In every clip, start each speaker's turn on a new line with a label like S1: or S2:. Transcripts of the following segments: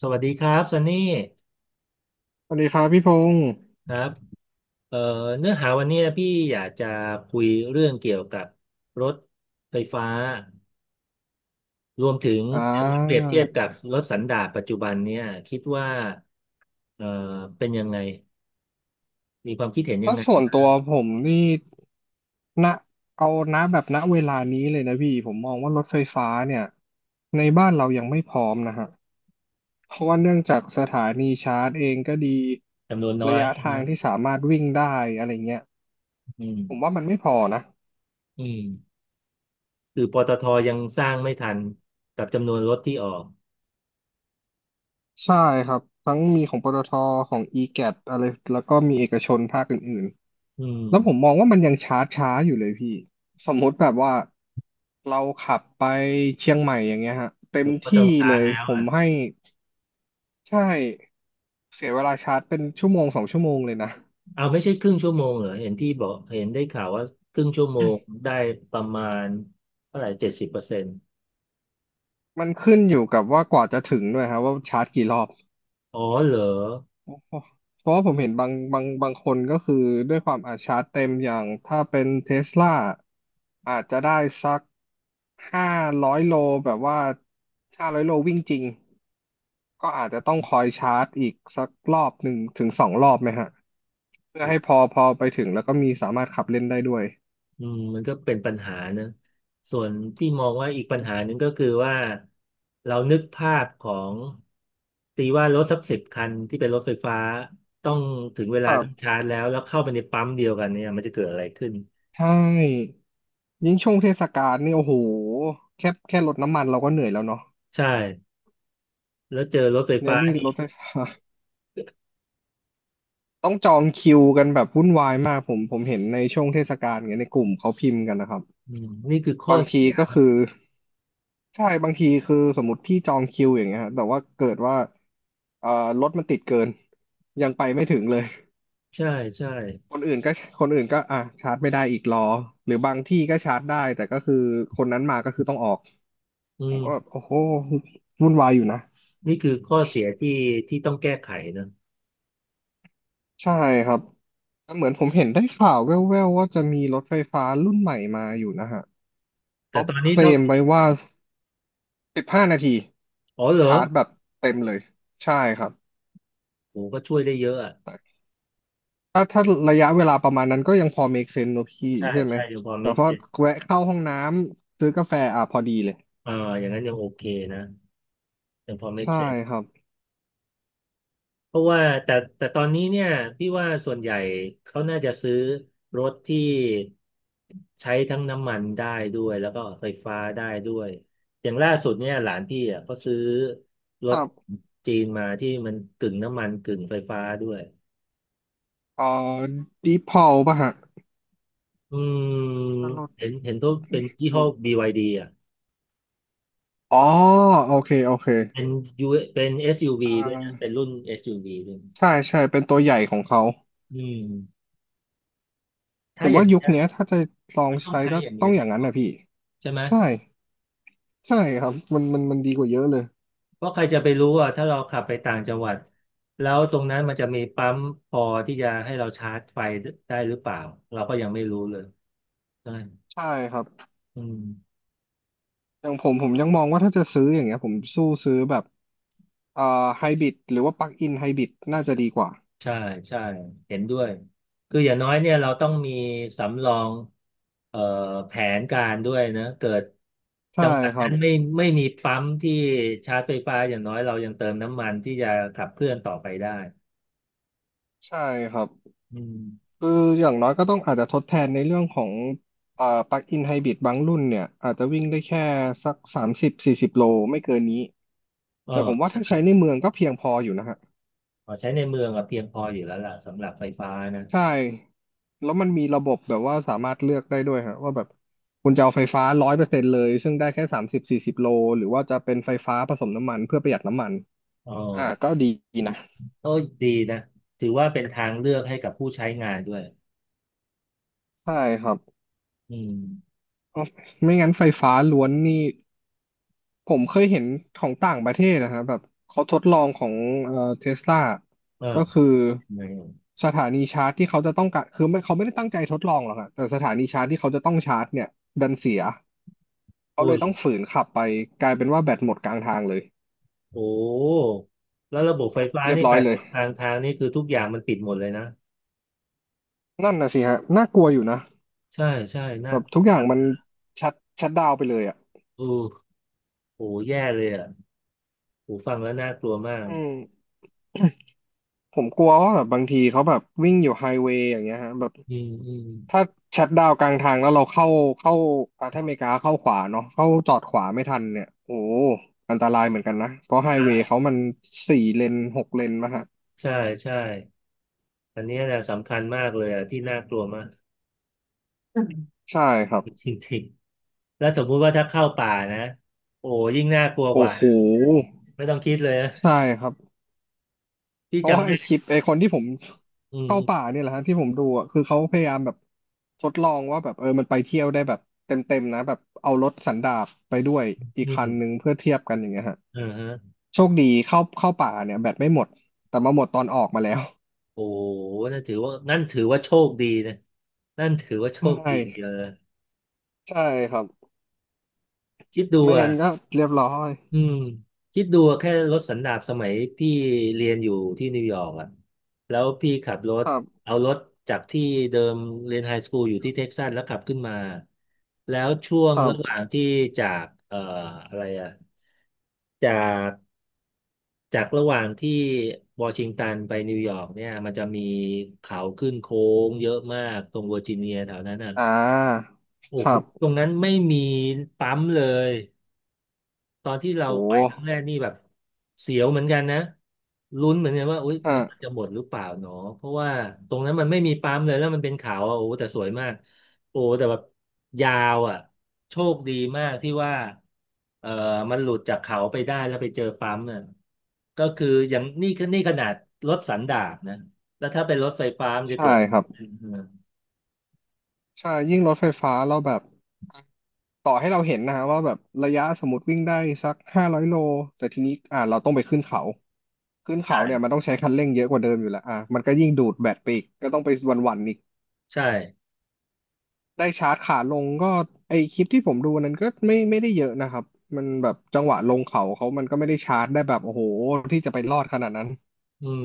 S1: สวัสดีครับซันนี่
S2: สวัสดีครับพี่พงศ์
S1: ครับเอ่อเนื้อหาวันนี้พี่อยากจะคุยเรื่องเกี่ยวกับรถไฟฟ้ารวมถึง
S2: อ่
S1: เปรียบ
S2: า
S1: เทียบกับรถสันดาปปัจจุบันเนี่ยคิดว่าเอ่อเป็นยังไงมีความคิดเห็นยั
S2: ถ้า
S1: งไง
S2: ส่วนตัวผมนี่ณเอาณแบบณเวลานี้เลยนะพี่ ผมมองว่ารถไฟฟ้าเนี่ย ในบ้านเรายังไม่พร้อมนะฮะ เพราะว่าเนื่องจากสถานีชาร์จเองก็ดี
S1: จำนวนน้อ
S2: ระ
S1: ย
S2: ยะ
S1: ใช่
S2: ทา
S1: ไหม
S2: งที่สามารถวิ่งได้อะไรเงี้ย
S1: อื
S2: ผมว่า
S1: ม
S2: มันไม่พอนะ
S1: อืมคือปตทยังสร้างไม่ทันกับจำนวนรถที่ออก
S2: ใช่ครับทั้งมีของปตทของ e g ก t อะไรแล้วก็มีเอกชนภาคอื่น
S1: อื
S2: ๆแล้วผม
S1: ม
S2: มองว่ามันยังช้าช้าอยู่เลยพี่สมมติแบบว่าเราขับไปเชียงใหม่อย่างเงี้ยฮะเต็
S1: ผ
S2: ม
S1: มก็
S2: ที่
S1: ต้องช้า
S2: เลย
S1: แล้ว
S2: ผม
S1: อ่ะ
S2: ให้ใช่เสียเวลาชาร์จเป็นชั่วโมงสองชั่วโมงเลยนะ
S1: เอาไม่ใช่ครึ่งชั่วโมงเหรอเห็นพี่บอกเห็นได้ข่าวว่าครึ่งชั่วโมงได้ประมาณเท่าไหร่70%
S2: มันขึ้นอยู่กับว่ากว่าจะถึงด้วยครับว่าชาร์จกี่รอบ
S1: อ๋อเหรอ
S2: เพราะว่าผมเห็นบางคนก็คือด้วยความอาชาร์จเต็มอย่างถ้าเป็นเทสลา อาจจะได้สัก500 โลแบบว่าห้าร้อยโลวิ่งจริงก็อาจจะต้องคอยชาร์จอีกสักรอบหนึ่งถึงสองรอบไหมฮะเพื่อให้พอพอไปถึงแล้วก็มีสามารถขับเล่นได้ด้วย
S1: อืมมันก็เป็นปัญหานะส่วนพี่มองว่าอีกปัญหาหนึ่งก็คือว่าเรานึกภาพของตีว่ารถสัก10 คันที่เป็นรถไฟฟ้าต้องถึงเว
S2: ค
S1: ลา
S2: รั
S1: ต้องชา
S2: บ
S1: ร์จแล้วแล้วเข้าไปในปั๊มเดียวกันเนี่ยมันจะเกิดอะไรขึ้น
S2: ใช่ยิ่งช่วงเทศกาลนี่โอ้โหแค่รดน้ำมันเราก็เหนื่อยแล้วเนาะ
S1: ใช่แล้วเจอรถไฟ
S2: เนี่ย
S1: ฟ้า
S2: นี่
S1: นี่
S2: รถไฟฟ้า ต้องจองคิวกันแบบวุ่นวายมากผมเห็นในช่วงเทศกาลเงี้ยในกลุ่มเขาพิมพ์กันนะครับ
S1: อืมนี่คือข้อ
S2: บางที
S1: เสีย
S2: ก็
S1: นะ
S2: คือ ใช่บางทีคือสมมติพี่จองคิวอย่างเงี้ยฮะแต่ว่าเกิดว่าเอ่อรถมันติดเกินยังไปไม่ถึงเลย
S1: ใช่ใช่
S2: คนอื่นก็คนอื่นก็อ่ะชาร์จไม่ได้อีกรอหรือบางที่ก็ชาร์จได้แต่ก็คือคนนั้นมาก็คือต้องออก
S1: อื
S2: ผม
S1: ม
S2: ก็โอ้โหวุ่นวายอยู่นะ
S1: นี่คือข้อเสียที่ที่ต้องแก้ไขนะ
S2: ใช่ครับแตเหมือนผมเห็นได้ข่าวแว่วๆว่าจะมีรถไฟฟ้ารุ่นใหม่มาอยู่นะฮะ
S1: แต่
S2: เขา
S1: ตอน
S2: เค
S1: นี้
S2: ล
S1: เท่า
S2: มไว้ว่า15นาที
S1: อ๋อเหรอ
S2: ชาร์จแบบเต็มเลยใช่ครับ
S1: โหก็ช่วยได้เยอะอ่ะ
S2: ถ้าระยะเวลาประมาณนั้นก็ยังพอ make sense เนอะพี่
S1: ใช่
S2: ใช่ไหม
S1: ใช่ยังพอ
S2: แบ
S1: เม
S2: บ
S1: คเซ
S2: ว่า
S1: น
S2: แวะเข้าห้องน้ำซื้อกาแฟอ่ะพอดีเลย
S1: อ่าอย่างนั้นยังโอเคนะยังพอเมค
S2: ใช่
S1: เซน
S2: ครับ
S1: เพราะว่าแต่แต่ตอนนี้เนี่ยพี่ว่าส่วนใหญ่เขาน่าจะซื้อรถที่ใช้ทั้งน้ำมันได้ด้วยแล้วก็ไฟฟ้าได้ด้วย อย่างล่าสุดเนี่ยหลานพี่อ่ะเขาซื้อร
S2: ค
S1: ถ
S2: รับ
S1: จีนมาที่มันกึ่งน้ำมันกึ่งไฟฟ้าด้วย
S2: เอ่อดีพอลป่ะฮะ
S1: อืม
S2: ตลด
S1: เห็นเห็นตัวเป็นยี่
S2: ร
S1: ห้อ
S2: ถ
S1: BYD อ่ะ
S2: อ๋อโอเคโอเค
S1: เป็นยูเป็น
S2: อ่
S1: SUV ด้วยนะเป็น
S2: า
S1: รุ่น SUV ด้วย
S2: ใช่ใช่เป็นตัวใหญ่ของเขา
S1: อืม
S2: ผ
S1: ถ้า
S2: ม
S1: อย่า
S2: ว่า
S1: ง
S2: ยุค
S1: เะี้ย
S2: เนี้ยถ้าจะลอง
S1: มันต้อง
S2: ใช้
S1: ใช้
S2: ก็
S1: อย่าง
S2: ต้
S1: เงี้
S2: อ
S1: ย
S2: งอย่า
S1: พี่
S2: ง
S1: ป
S2: นั้น
S1: อง
S2: นะพี่
S1: ใช่ไหม
S2: ใช่ใช่ครับมันดีกว่าเยอะเลย
S1: เพราะใครจะไปรู้อ่ะถ้าเราขับไปต่างจังหวัดแล้วตรงนั้นมันจะมีปั๊มพอที่จะให้เราชาร์จไฟได้หรือเปล่าเราก็ยังไม่รู้เลยใช่
S2: ใช่ครับ
S1: อืม
S2: อย่างผมยังมองว่าถ้าจะซื้ออย่างเงี้ยผมสู้ซื้อแบบเอ่อไฮบริดหรือว่าปลั๊กอินไฮบริดน่าจะดีกว่า
S1: ใช่ใช่เห็นด้วยคืออย่างน้อยเนี่ยเราต้องมีสำรองเอ่อแผนการด้วยนะเกิด
S2: ใช่
S1: จังหวัด
S2: ครั
S1: นั้
S2: บ
S1: นไม่ไม่มีปั๊มที่ชาร์จไฟฟ้าอย่างน้อยเรายังเติมน้ำมันที่จะขับเคลื่อนต่อไปได้
S2: ใช่ครับ
S1: อืม
S2: คืออย่างน้อยก็ต้องอาจจะทดแทนในเรื่องของปลั๊กอินไฮบริดบางรุ่นเนี่ยอาจจะวิ่งได้แค่สักสามสิบสี่สิบโลไม่เกินนี้
S1: เออ
S2: แต่ผมว่าถ้า
S1: ใช่
S2: ใช้ในเมืองก็เพียงพออยู่นะฮะ
S1: พอใช้ในเมืองอะเพียงพออยู่แล้วล่ะสำหรับไฟฟ้านะ
S2: ใช่แล้วมันมีระบบแบบว่าสามารถเลือกได้ด้วยฮะว่าแบบคุณจะเอาไฟฟ้า100%เลยซึ่งได้แค่สามสิบสี่สิบโลหรือว่าจะเป็นไฟฟ้าผสมน้ำมันเพื่อประหยัดน้ำมัน
S1: อ๋อ
S2: อ่าก็ดีนะ
S1: โอ้ยดีนะถือว่าเป็นทางเลือกให้กับผู้ใช้งานด้วย
S2: ใช่ครับ
S1: อืม
S2: อ๋อไม่งั้นไฟฟ้าล้วนนี่ ผมเคยเห็นของต่างประเทศนะฮะแบบเขาทดลองของเอ่อเทสลา
S1: เออ
S2: ก็คือ
S1: ไง
S2: สถานีชาร์จที่เขาจะต้องการคือไม่เขาไม่ได้ตั้งใจทดลองหรอกอะแต่สถานีชาร์จที่เขาจะต้องชาร์จเนี่ยดันเสีย เขาเล
S1: อุ้
S2: ย
S1: ย
S2: ต้องฝืนขับไปกลายเป็นว่าแบตหมดกลางทางเลย
S1: โอ้แล้วระบบไฟฟ้า
S2: เรียบ
S1: นี่
S2: ร้อ
S1: แป
S2: ย
S1: ด
S2: เลย
S1: ทางทางนี่คือทุกอย่างมันปิดหมดเลยนะ
S2: นั่นนะสิฮะน่ากลัวอยู่นะ
S1: ใช่ใช่น่า
S2: แบบ
S1: กลั
S2: ทุ
S1: ว
S2: กอย่าง
S1: มาก
S2: มันชัดชัดดาวน์ไปเลยอ่ะ
S1: โอ้โหแย่เลยอ่ะโหฟังแล้วน่ากลัวมาก
S2: อืมผมกลัวว่าแบบบางทีเขาแบบวิ่งอยู่ไฮเวย์อย่างเงี้ยฮะแบบ
S1: อืมอืม
S2: ถ้าชัตดาวน์กลางทางแล้วเราเข้าอ่าถ้าอเมริกาเข้าขวาเนาะเข้าจอดขวาไม่ทันเนี่ยโอ้อันตรายเหมือนกันนะเพราะไฮ
S1: ใช่
S2: เวย์เขามัน4 เลน 6 เลนมะฮะ
S1: ใช่ใช่อันเนี้ยแหละสำคัญมากเลยอ่ะที่น่ากลัวมาก
S2: ใช่ครับ
S1: จริงๆแล้วสมมุติว่าถ้าเข้าป่านะโอ้ยิ่งน่ากลัวก
S2: โอ้
S1: ว่า
S2: โห
S1: ไม่ต้องคิดเลยนะ
S2: ใช่ครับ
S1: พี่
S2: เพราะว่า
S1: จำ
S2: ไอค
S1: ได้
S2: ลิปไอคนที่ผม
S1: อื
S2: เข้าป่า
S1: ม
S2: เนี่ยแหละฮะที่ผมดูอ่ะคือเขาพยายามแบบทดลองว่าแบบเออมันไปเที่ยวได้แบบเต็มๆนะแบบเอารถสันดาปไปด้วย
S1: อ
S2: อี
S1: ื
S2: กคันห
S1: ม
S2: นึงเพื่อเทียบกันอย่างเงี้ยฮะ
S1: อืมอ่าฮะ
S2: โชคดีเข้าป่าเนี่ยแบตไม่หมดแต่มาหมดตอนออกมาแล้ว
S1: โอ้นั่นถือว่านั่นถือว่าโชคดีนะนั่นถือว่าโช
S2: ใช
S1: คดีอย่างเดียว
S2: ่
S1: เลย
S2: ใช่ครับ
S1: คิดดู
S2: ไม่
S1: อ่ะ
S2: งั้นก็เรียบร้อย
S1: อืมคิดดูอะแค่รถสันดาปสมัยพี่เรียนอยู่ที่นิวยอร์กอ่ะแล้วพี่ขับร
S2: ค
S1: ถ
S2: รับ
S1: เอารถจากที่เดิมเรียนไฮสคูลอยู่ที่เท็กซัสแล้วขับขึ้นมาแล้วช่วง
S2: ครั
S1: ระห
S2: บ
S1: ว่างที่จากอะไรอ่ะจากจากระหว่างที่วอชิงตันไปนิวยอร์กเนี่ยมันจะมีเขาขึ้นโค้งเยอะมากตรงเวอร์จิเนียแถวนั้นน่ะ
S2: อ่า
S1: โอ้
S2: ค
S1: โห
S2: รั
S1: ต
S2: บ
S1: รงนั้นไม่มีปั๊มเลย ตอนที่เรา
S2: โอ
S1: ไปครั้งแรก
S2: ้
S1: นี่แบบเสียวเหมือนกันนะลุ้นเหมือนกันว่าอุ๊ยน้ำมัน
S2: อ่า
S1: จะหมดหรือเปล่าเนาะเพราะว่าตรงนั้นมันไม่มีปั๊มเลยแล้วมันเป็นเขาอ่ะโอ้แต่สวยมากโอ้แต่แบบยาวอ่ะโชคดีมากที่ว่าเออมันหลุดจากเขาไปได้แล้วไปเจอปั๊มอ่ะก็คืออย่างนี่นี่ขนาดรถสันดาปนะแล้วถ้าเป็นรถไฟฟ้ามันจะ
S2: ใช่
S1: เกิด
S2: ครับ
S1: อืม
S2: ใช่ยิ่งรถไฟฟ้าเราแบบต่อให้เราเห็นนะฮะว่าแบบระยะสมมติวิ่งได้สักห้าร้อยโล แต่ทีนี้เราต้องไปขึ้นเขาขึ้นเขาเนี่ย
S1: ใช่
S2: มันต้องใช้คันเร่งเยอะกว่าเดิมอยู่แล้วอ่ะมันก็ยิ่งดูดแบตไปอีกก็ต้องไปวันๆอีก
S1: ใช่
S2: ได้ชาร์จขาลงก็ไอคลิปที่ผมดูนั้นก็ไม่ได้เยอะนะครับมันแบบจังหวะลงเขาเขามันก็ไม่ได้ชาร์จได้แบบโอ้โหที่จะไปรอดขนาดนั้น
S1: อืม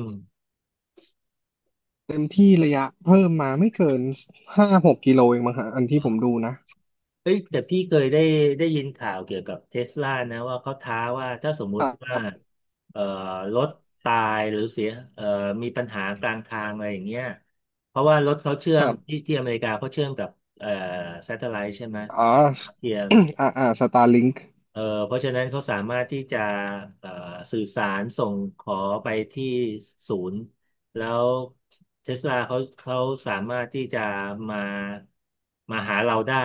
S2: เต็มที่ระยะเพิ่มมาไม่เกิน5 6 กิโลเองมั้งฮะอันที่ผมดูนะ
S1: เอ้ยแต่พี่เคยได้ได้ยินข่าวเกี่ยวกับเทสลานะว่าเขาท้าว่าถ้าสมมุ
S2: คร
S1: ติว่า
S2: ับ
S1: เอ่อรถตายหรือเสียเอ่อมีปัญหากลางทางอะไรอย่างเงี้ยเพราะว่ารถเขาเชื่อ
S2: ครั
S1: มที่
S2: บ
S1: ที่อเมริกาเขาเชื่อมกับเอ่อ s a t เทอร์ไลท์ใช่ไหม
S2: อ๋อ
S1: ดาวเทียม
S2: อ่าอ่าสตาร์ลิง
S1: เอ่อเพราะฉะนั้นเขาสามารถที่จะเอ่อสื่อสารส่งขอไปที่ศูนย์แล้วเทสลาเขาเขาสามารถที่จะมามาหาเราได้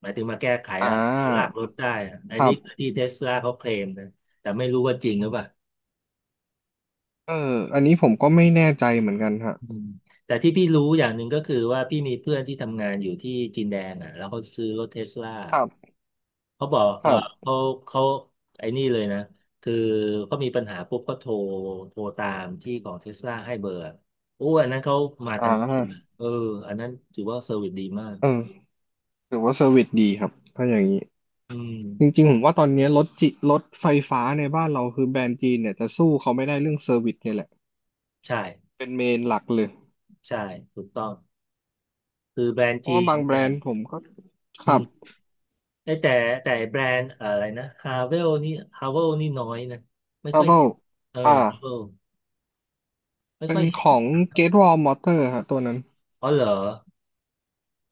S1: หมายถึงมาแก้ไข
S2: อ่
S1: อะลา
S2: า
S1: กรถได้อะอั
S2: ค
S1: น
S2: รั
S1: นี้
S2: บ
S1: ที่เทสลาเขาเคลมนะแต่ไม่รู้ว่าจริงหรือเปล่า
S2: เอออันนี้ผมก็ไม่แน่ใจเหมือนกันฮะ
S1: อืมแต่ที่พี่รู้อย่างหนึ่งก็คือว่าพี่มีเพื่อนที่ทำงานอยู่ที่จีนแดงอ่ะแล้วเขาซื้อรถเทสลา
S2: ครับ
S1: เขาบอก
S2: ค
S1: เออ
S2: รับ
S1: เขาเขาไอ้นี่เลยนะ คือเขามีปัญหาปุ๊บก็โทรตามที่ของเทสลาให้เบอร์โอ้อันนั้นเขามา
S2: อ่
S1: ทันทีเลย
S2: า
S1: เอออันนั้นถือว่าเซอร์วิสดีมาก
S2: เออถือว่าเซอร์วิสดีครับถ้าอย่างนี้
S1: อื
S2: จริ
S1: ม
S2: งๆผมว่าตอนนี้รถไฟฟ้าในบ้านเราคือแบรนด์จีนเนี่ยจะสู้เขาไม่ได้เรื่องเซอร์วิสเนี่ยแหละ
S1: ใช่
S2: เป็นเมนหลักเลย
S1: ใช่ถูกต้อง คือแบรนด์
S2: เพราะ
S1: จี
S2: ว่า
S1: น
S2: บางแบรน
S1: อ่ะ
S2: ด์ผมก็ค
S1: อื
S2: รั
S1: ม
S2: บ
S1: ไอ้แต่แบรนด์อะไรนะฮาเวลนี่น้อยนะ ไม่
S2: ทรา
S1: ค่อย
S2: เว
S1: เห็
S2: ล
S1: นเออ
S2: อ่า
S1: ฮาเวลไม่
S2: เป็
S1: ค่อ
S2: น
S1: ยเห็
S2: ขอ
S1: น
S2: ง Gate Wall Motor ฮะตัวนั้น
S1: อ๋อเหรอ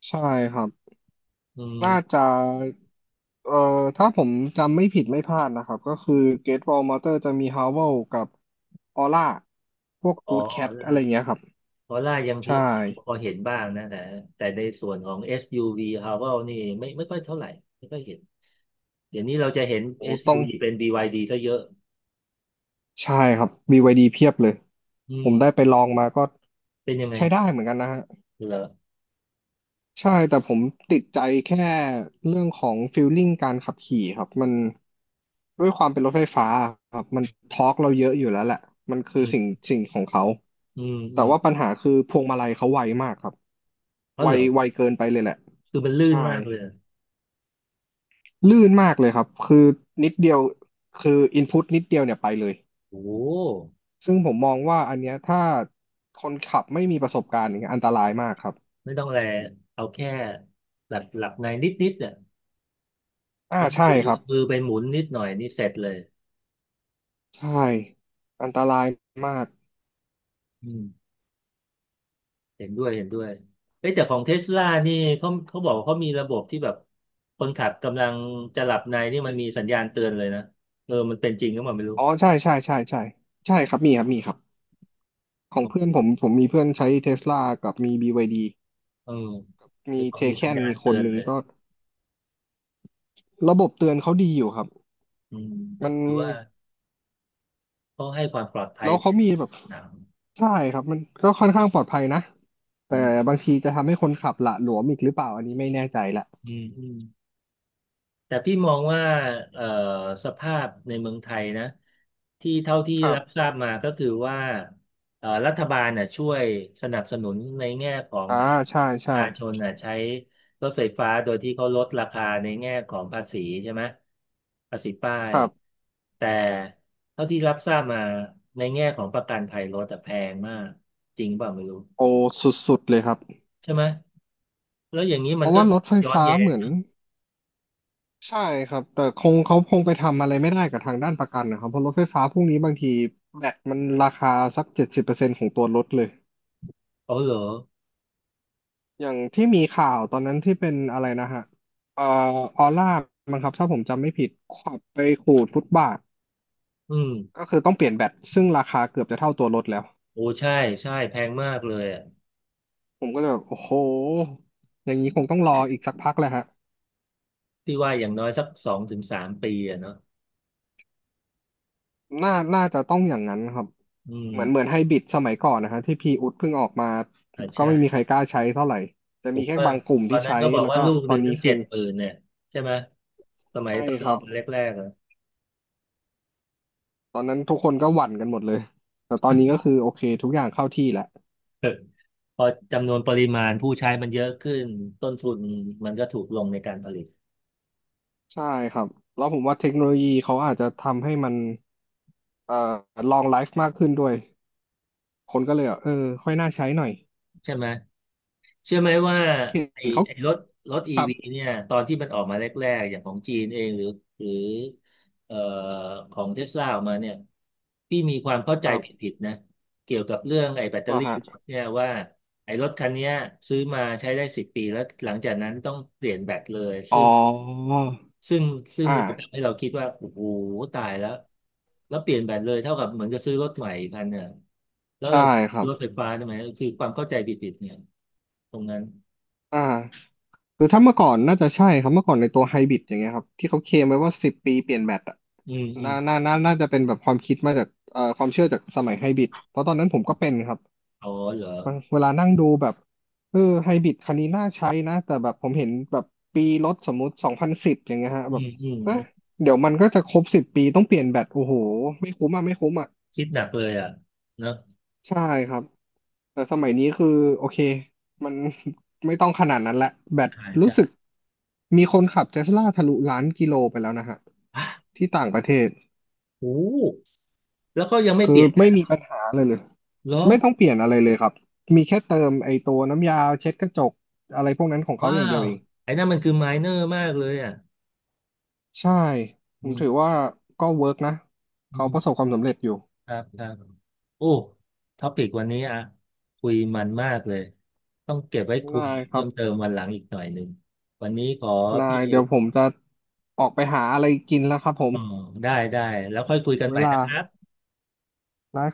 S2: ใช่ครับ
S1: อื
S2: น่า
S1: ม
S2: จะเอ่อถ้าผมจำไม่ผิดไม่พลาดนะครับก็คือ Gate Wall Motor จะมี Howl กับ Aura พวก
S1: อ๋อ
S2: Good
S1: ออ
S2: Cat อะ
S1: ล่า
S2: ไรเงี้ยครับ
S1: คอล่ายังพ
S2: ใช่
S1: พอเห็นบ้างนะแต่แต่ในส่วนของ SUV ฮาวเอสยูว Haval นี่ไม่ค่อยเท่าไหร่ไม่ค่อยเห็นเดี๋ยวนี้เราจะเห็น
S2: โอ้ต้อง
S1: SUV เป็น BYD ซะเยอะ
S2: ใช่ครับบีวายดีเพียบเลย
S1: อื
S2: ผมได้ไป
S1: ม
S2: ลองมาก็
S1: เป็นยังไง
S2: ใช้ได้เหมือนกันนะฮะ
S1: เหรอ
S2: ใช่แต่ผมติดใจแค่เรื่องของฟีลลิ่งการขับขี่ครับมันด้วยความเป็นรถไฟฟ้าครับมันทอร์กเราเยอะอยู่แล้วแหละมันคือ
S1: อื
S2: สิ่ง
S1: ม
S2: สิ่งของเขา
S1: อืม
S2: แต่
S1: อืม
S2: ว่าปัญหาคือพวงมาลัยเขาไวมากครับ
S1: อ๋อ
S2: ไว
S1: เหรอ
S2: ไวเกินไปเลยแหละ
S1: คือมันลื่น
S2: ใช่
S1: มากเลยอะ
S2: ลื่นมากเลยครับคือนิดเดียวคืออินพุตนิดเดียวเนี่ยไปเลย
S1: โอ้โห
S2: ซึ่งผมมองว่าอันเนี้ยถ้าคนขับไม่มีประสบการณ์อย่างเงี้ยอันตรายมากครับ
S1: ไม่ต้องแลเอาแค่หลับหลับในนิดนิดเนี่ย
S2: อ่า
S1: แล้ว
S2: ใช่
S1: มือ
S2: ครับ
S1: มือไปหมุนนิดหน่อยนี่เสร็จเลย
S2: ใช่อันตรายมาก
S1: อืม เห็นด้วยเห็นด้วยเอ้ยแต่ของเทสลานี่เขาเขาบอกว่าเขามีระบบที่แบบคนขับกำลังจะหลับในนี่มันมีสัญญาณเตือนเลยนะเออมันเป็นจริงหรือเปล่าไม่รู้
S2: อ๋อใช่ใช่ใช่ใช่ใช่ครับมีครับมีครับของเพื่อนผมผมมีเพื่อนใช้เทสลากับมี BYD
S1: เออ
S2: มี
S1: เดี๋ยวพอ
S2: เท
S1: มี
S2: แค
S1: สัญ
S2: น
S1: ญาณ
S2: มีค
S1: เตื
S2: น
S1: อน
S2: หนึ่ง
S1: เลย
S2: ก็ระบบเตือนเขาดีอยู่ครับ
S1: อืมก็
S2: มัน
S1: ถือว่าเขาให้ความปลอดภั
S2: แล้
S1: ย
S2: วเขา
S1: เป็น
S2: มีแบบ
S1: หนัง
S2: ใช่ครับมันก็ค่อนข้างปลอดภัยนะ
S1: อื
S2: แต่
S1: ม
S2: บางทีจะทำให้คนขับหละหลวมอีกหรือเปล่าอันนี้ไม่แน่ใจละ
S1: อืม แต่พี่มองว่าเอ่อสภาพในเมืองไทยนะที่เท่าที่
S2: ครั
S1: รับท
S2: บ
S1: ราบมาก็คือว่ารัฐบาลน่ะช่วยสนับสนุนในแง่ของ
S2: อ่า
S1: ให้
S2: ใช่
S1: ประ
S2: ใช่
S1: ชาชนน่ะใช้รถไฟฟ้าโดยที่เขาลดราคาในแง่ของภาษีใช่ไหมภาษีป้า
S2: ค
S1: ย
S2: รับ
S1: แต่เท่าที่รับทราบมาในแง่ของประกันภัยรถอะแพงมากจริงเปล่าไม่รู้
S2: โอสุดๆเลยครับ
S1: ใช่ไหมแล้วอย่างนี้
S2: เพ
S1: มัน
S2: ราะ
S1: ก็
S2: ว่ารถไฟ
S1: ย้อน
S2: ฟ้า
S1: แย้
S2: เห
S1: ง
S2: มือน ใช่ครับแต่คงเขาคงไปทำอะไรไม่ได้กับทางด้านประกันนะครับเพราะรถไฟฟ้าพวกนี้บางทีแบตมันราคาสัก70%ของตัวรถเลย
S1: อ๋อเหรอ
S2: อย่างที่มีข่าวตอนนั้นที่เป็นอะไรนะฮะเอ่อออร่ามั้งครับถ้าผมจำไม่ผิดขับไปขูดฟุตบาท
S1: อืม
S2: ก็คือต้องเปลี่ยนแบตซึ่งราคาเกือบจะเท่าตัวรถแล้ว
S1: โอ้ใช่ใช่แพงมากเลยอ่ะ
S2: ผมก็เลยแบบโอ้โหอย่างนี้คงต้องรออีกสักพักแหละฮะ
S1: พี่ว่าอย่างน้อยสักสองถึงสามปีอ่ะเนาะ
S2: น่าจะต้องอย่างนั้นครับ
S1: อื
S2: เหมือน
S1: ม
S2: ไฮบริดสมัยก่อนนะฮะที่พีอุดเพิ่งออกมา
S1: อ่า
S2: ก็
S1: ใช่
S2: ไม่มีใครกล้าใช้เท่าไหร่ จะ
S1: ผ
S2: มี
S1: ม
S2: แค่
S1: ว่า
S2: บางกลุ่ม
S1: ตอ
S2: ที่
S1: นนั้น
S2: ใช้
S1: ก็บอก
S2: แล้ว
S1: ว่า
S2: ก็
S1: ลูก
S2: ต
S1: ห
S2: อ
S1: นึ่
S2: น
S1: ง
S2: นี้
S1: ตั้ง
S2: คื
S1: เจ็ด
S2: อ
S1: หมื่นเนี่ยใช่ไหมสมัย
S2: ใช่
S1: ตอน
S2: ค
S1: อ
S2: รั
S1: อก
S2: บ
S1: มาแรกๆอ่ะ
S2: ตอนนั้นทุกคนก็หวั่นกันหมดเลยแต่ตอนนี้ก็คือโอเคทุกอย่างเข้าที่แล้ว
S1: พอจำนวนปริมาณผู้ใช้มันเยอะขึ้นต้นทุนมันก็ถูกลงในการผลิต
S2: ใช่ครับแล้วผมว่าเทคโนโลยีเขาอาจจะทำให้มันเอ่อลองไลฟ์มากขึ้นด้วยคนก็เลยแบบเออค่อยน่าใช้หน่อย
S1: ใช่ไหม เชื่อไหมว่า
S2: เห็
S1: ไอ้
S2: นเขา
S1: ไอ้รถรถอี
S2: ครับ
S1: วีเนี่ยตอนที่มันออกมาแรกๆอย่างของจีนเองหรือหรือเอ่อของเทสลาออกมาเนี่ยพี่มีความเข้า
S2: ค
S1: ใจ
S2: รั
S1: ผิ
S2: บ
S1: ดๆนะเกี่ยวกับเรื่องไอ้แบตเตอ
S2: เหรอ
S1: รี่
S2: ฮะ
S1: รถเนี่ยว่าไอ้รถคันเนี้ยซื้อมาใช้ได้สิบปีแล้วหลังจากนั้นต้องเปลี่ยนแบตเลย
S2: อ๋อ
S1: ซึ่งซึ่ง
S2: อ่า
S1: ทำให้เราคิดว่าโอ้โหตายแล้วแล้วเปลี่ยนแบตเลยเท่ากับเหมือนกับซื้อรถใหม่อีกคันเนี่ยแล้ว
S2: ใช่
S1: เรา
S2: ครับ
S1: รถไฟฟ้าทำไมคือความเข้าใจผิดๆเนี่ยตรงนั้น
S2: อ่า คือถ้าเมื่อก่อนน่าจะใช่ครับเมื่อก่อนในตัวไฮบริดอย่างเงี้ยครับที่เขาเคลมไว้ว่าสิบปีเปลี่ยนแบตอะ
S1: อืมอืม
S2: น่าจะเป็นแบบความคิดมาจากความเชื่อจากสมัยไฮบริดเพราะตอนนั้นผมก็เป็นครับ
S1: อ๋อเหรอ
S2: บางเวลานั่งดูแบบเออไฮบริดคันนี้น่าใช้นะแต่แบบผมเห็นแบบปีรถสมมุติ2010อย่างเงี้ยฮะ
S1: อื
S2: แบบ
S1: มอื
S2: เอ๊ะ
S1: ม
S2: เดี๋ยวมันก็จะครบสิบปีต้องเปลี่ยนแบตโอ้โหไม่คุ้มอ่ะไม่คุ้มอ่ะ
S1: คิดหนักเลยอ่ะเนอะ
S2: ใช่ครับแต่สมัยนี้คือโอเคมัน ไม่ต้องขนาดนั้นละแบต
S1: อาจ
S2: รู้
S1: จะ
S2: สึกมีคนขับเทสลาทะลุ1,000,000 กิโลไปแล้วนะฮะ
S1: อ่ะ
S2: ที่ต่างประเทศ
S1: โอ้แล้วก็ยังไม่
S2: คื
S1: เป
S2: อ
S1: ลี่ยนแปล
S2: ไม่
S1: ง
S2: มีปัญหาเลยเลย
S1: เหรอ
S2: ไม่ต้องเปลี่ยนอะไรเลยครับมีแค่เติมไอ้ตัวน้ำยาเช็ดกระจกอะไรพวกนั้นของเขา
S1: ว้า
S2: อย่างเดียว
S1: ว
S2: เอง
S1: ไอ้นั่นมันคือไมเนอร์มากเลยอ่ะ
S2: ใช่ผ
S1: อื
S2: มถือ
S1: ม
S2: ว่าก็เวิร์กนะ
S1: อื
S2: เขาป
S1: ม
S2: ระสบความสำเร็จอยู่
S1: ครับครับโอ้ท็อปิกวันนี้อ่ะคุยมันมากเลยต้องเก็บไว้คุ
S2: ได้
S1: ย
S2: ครั
S1: เพิ่
S2: บ
S1: มเติมวันหลังอีกหน่อยหนึ่งวันนี้ขอ
S2: นา
S1: พี่
S2: ย
S1: เอ
S2: เดี๋ย
S1: ก
S2: วผมจะออกไปหาอะไรกินแล้วครับผม
S1: อ๋อได้ได้แล้วค่อยคุย
S2: ถึง
S1: กัน
S2: เว
S1: ใหม่
S2: ลา
S1: นะครับ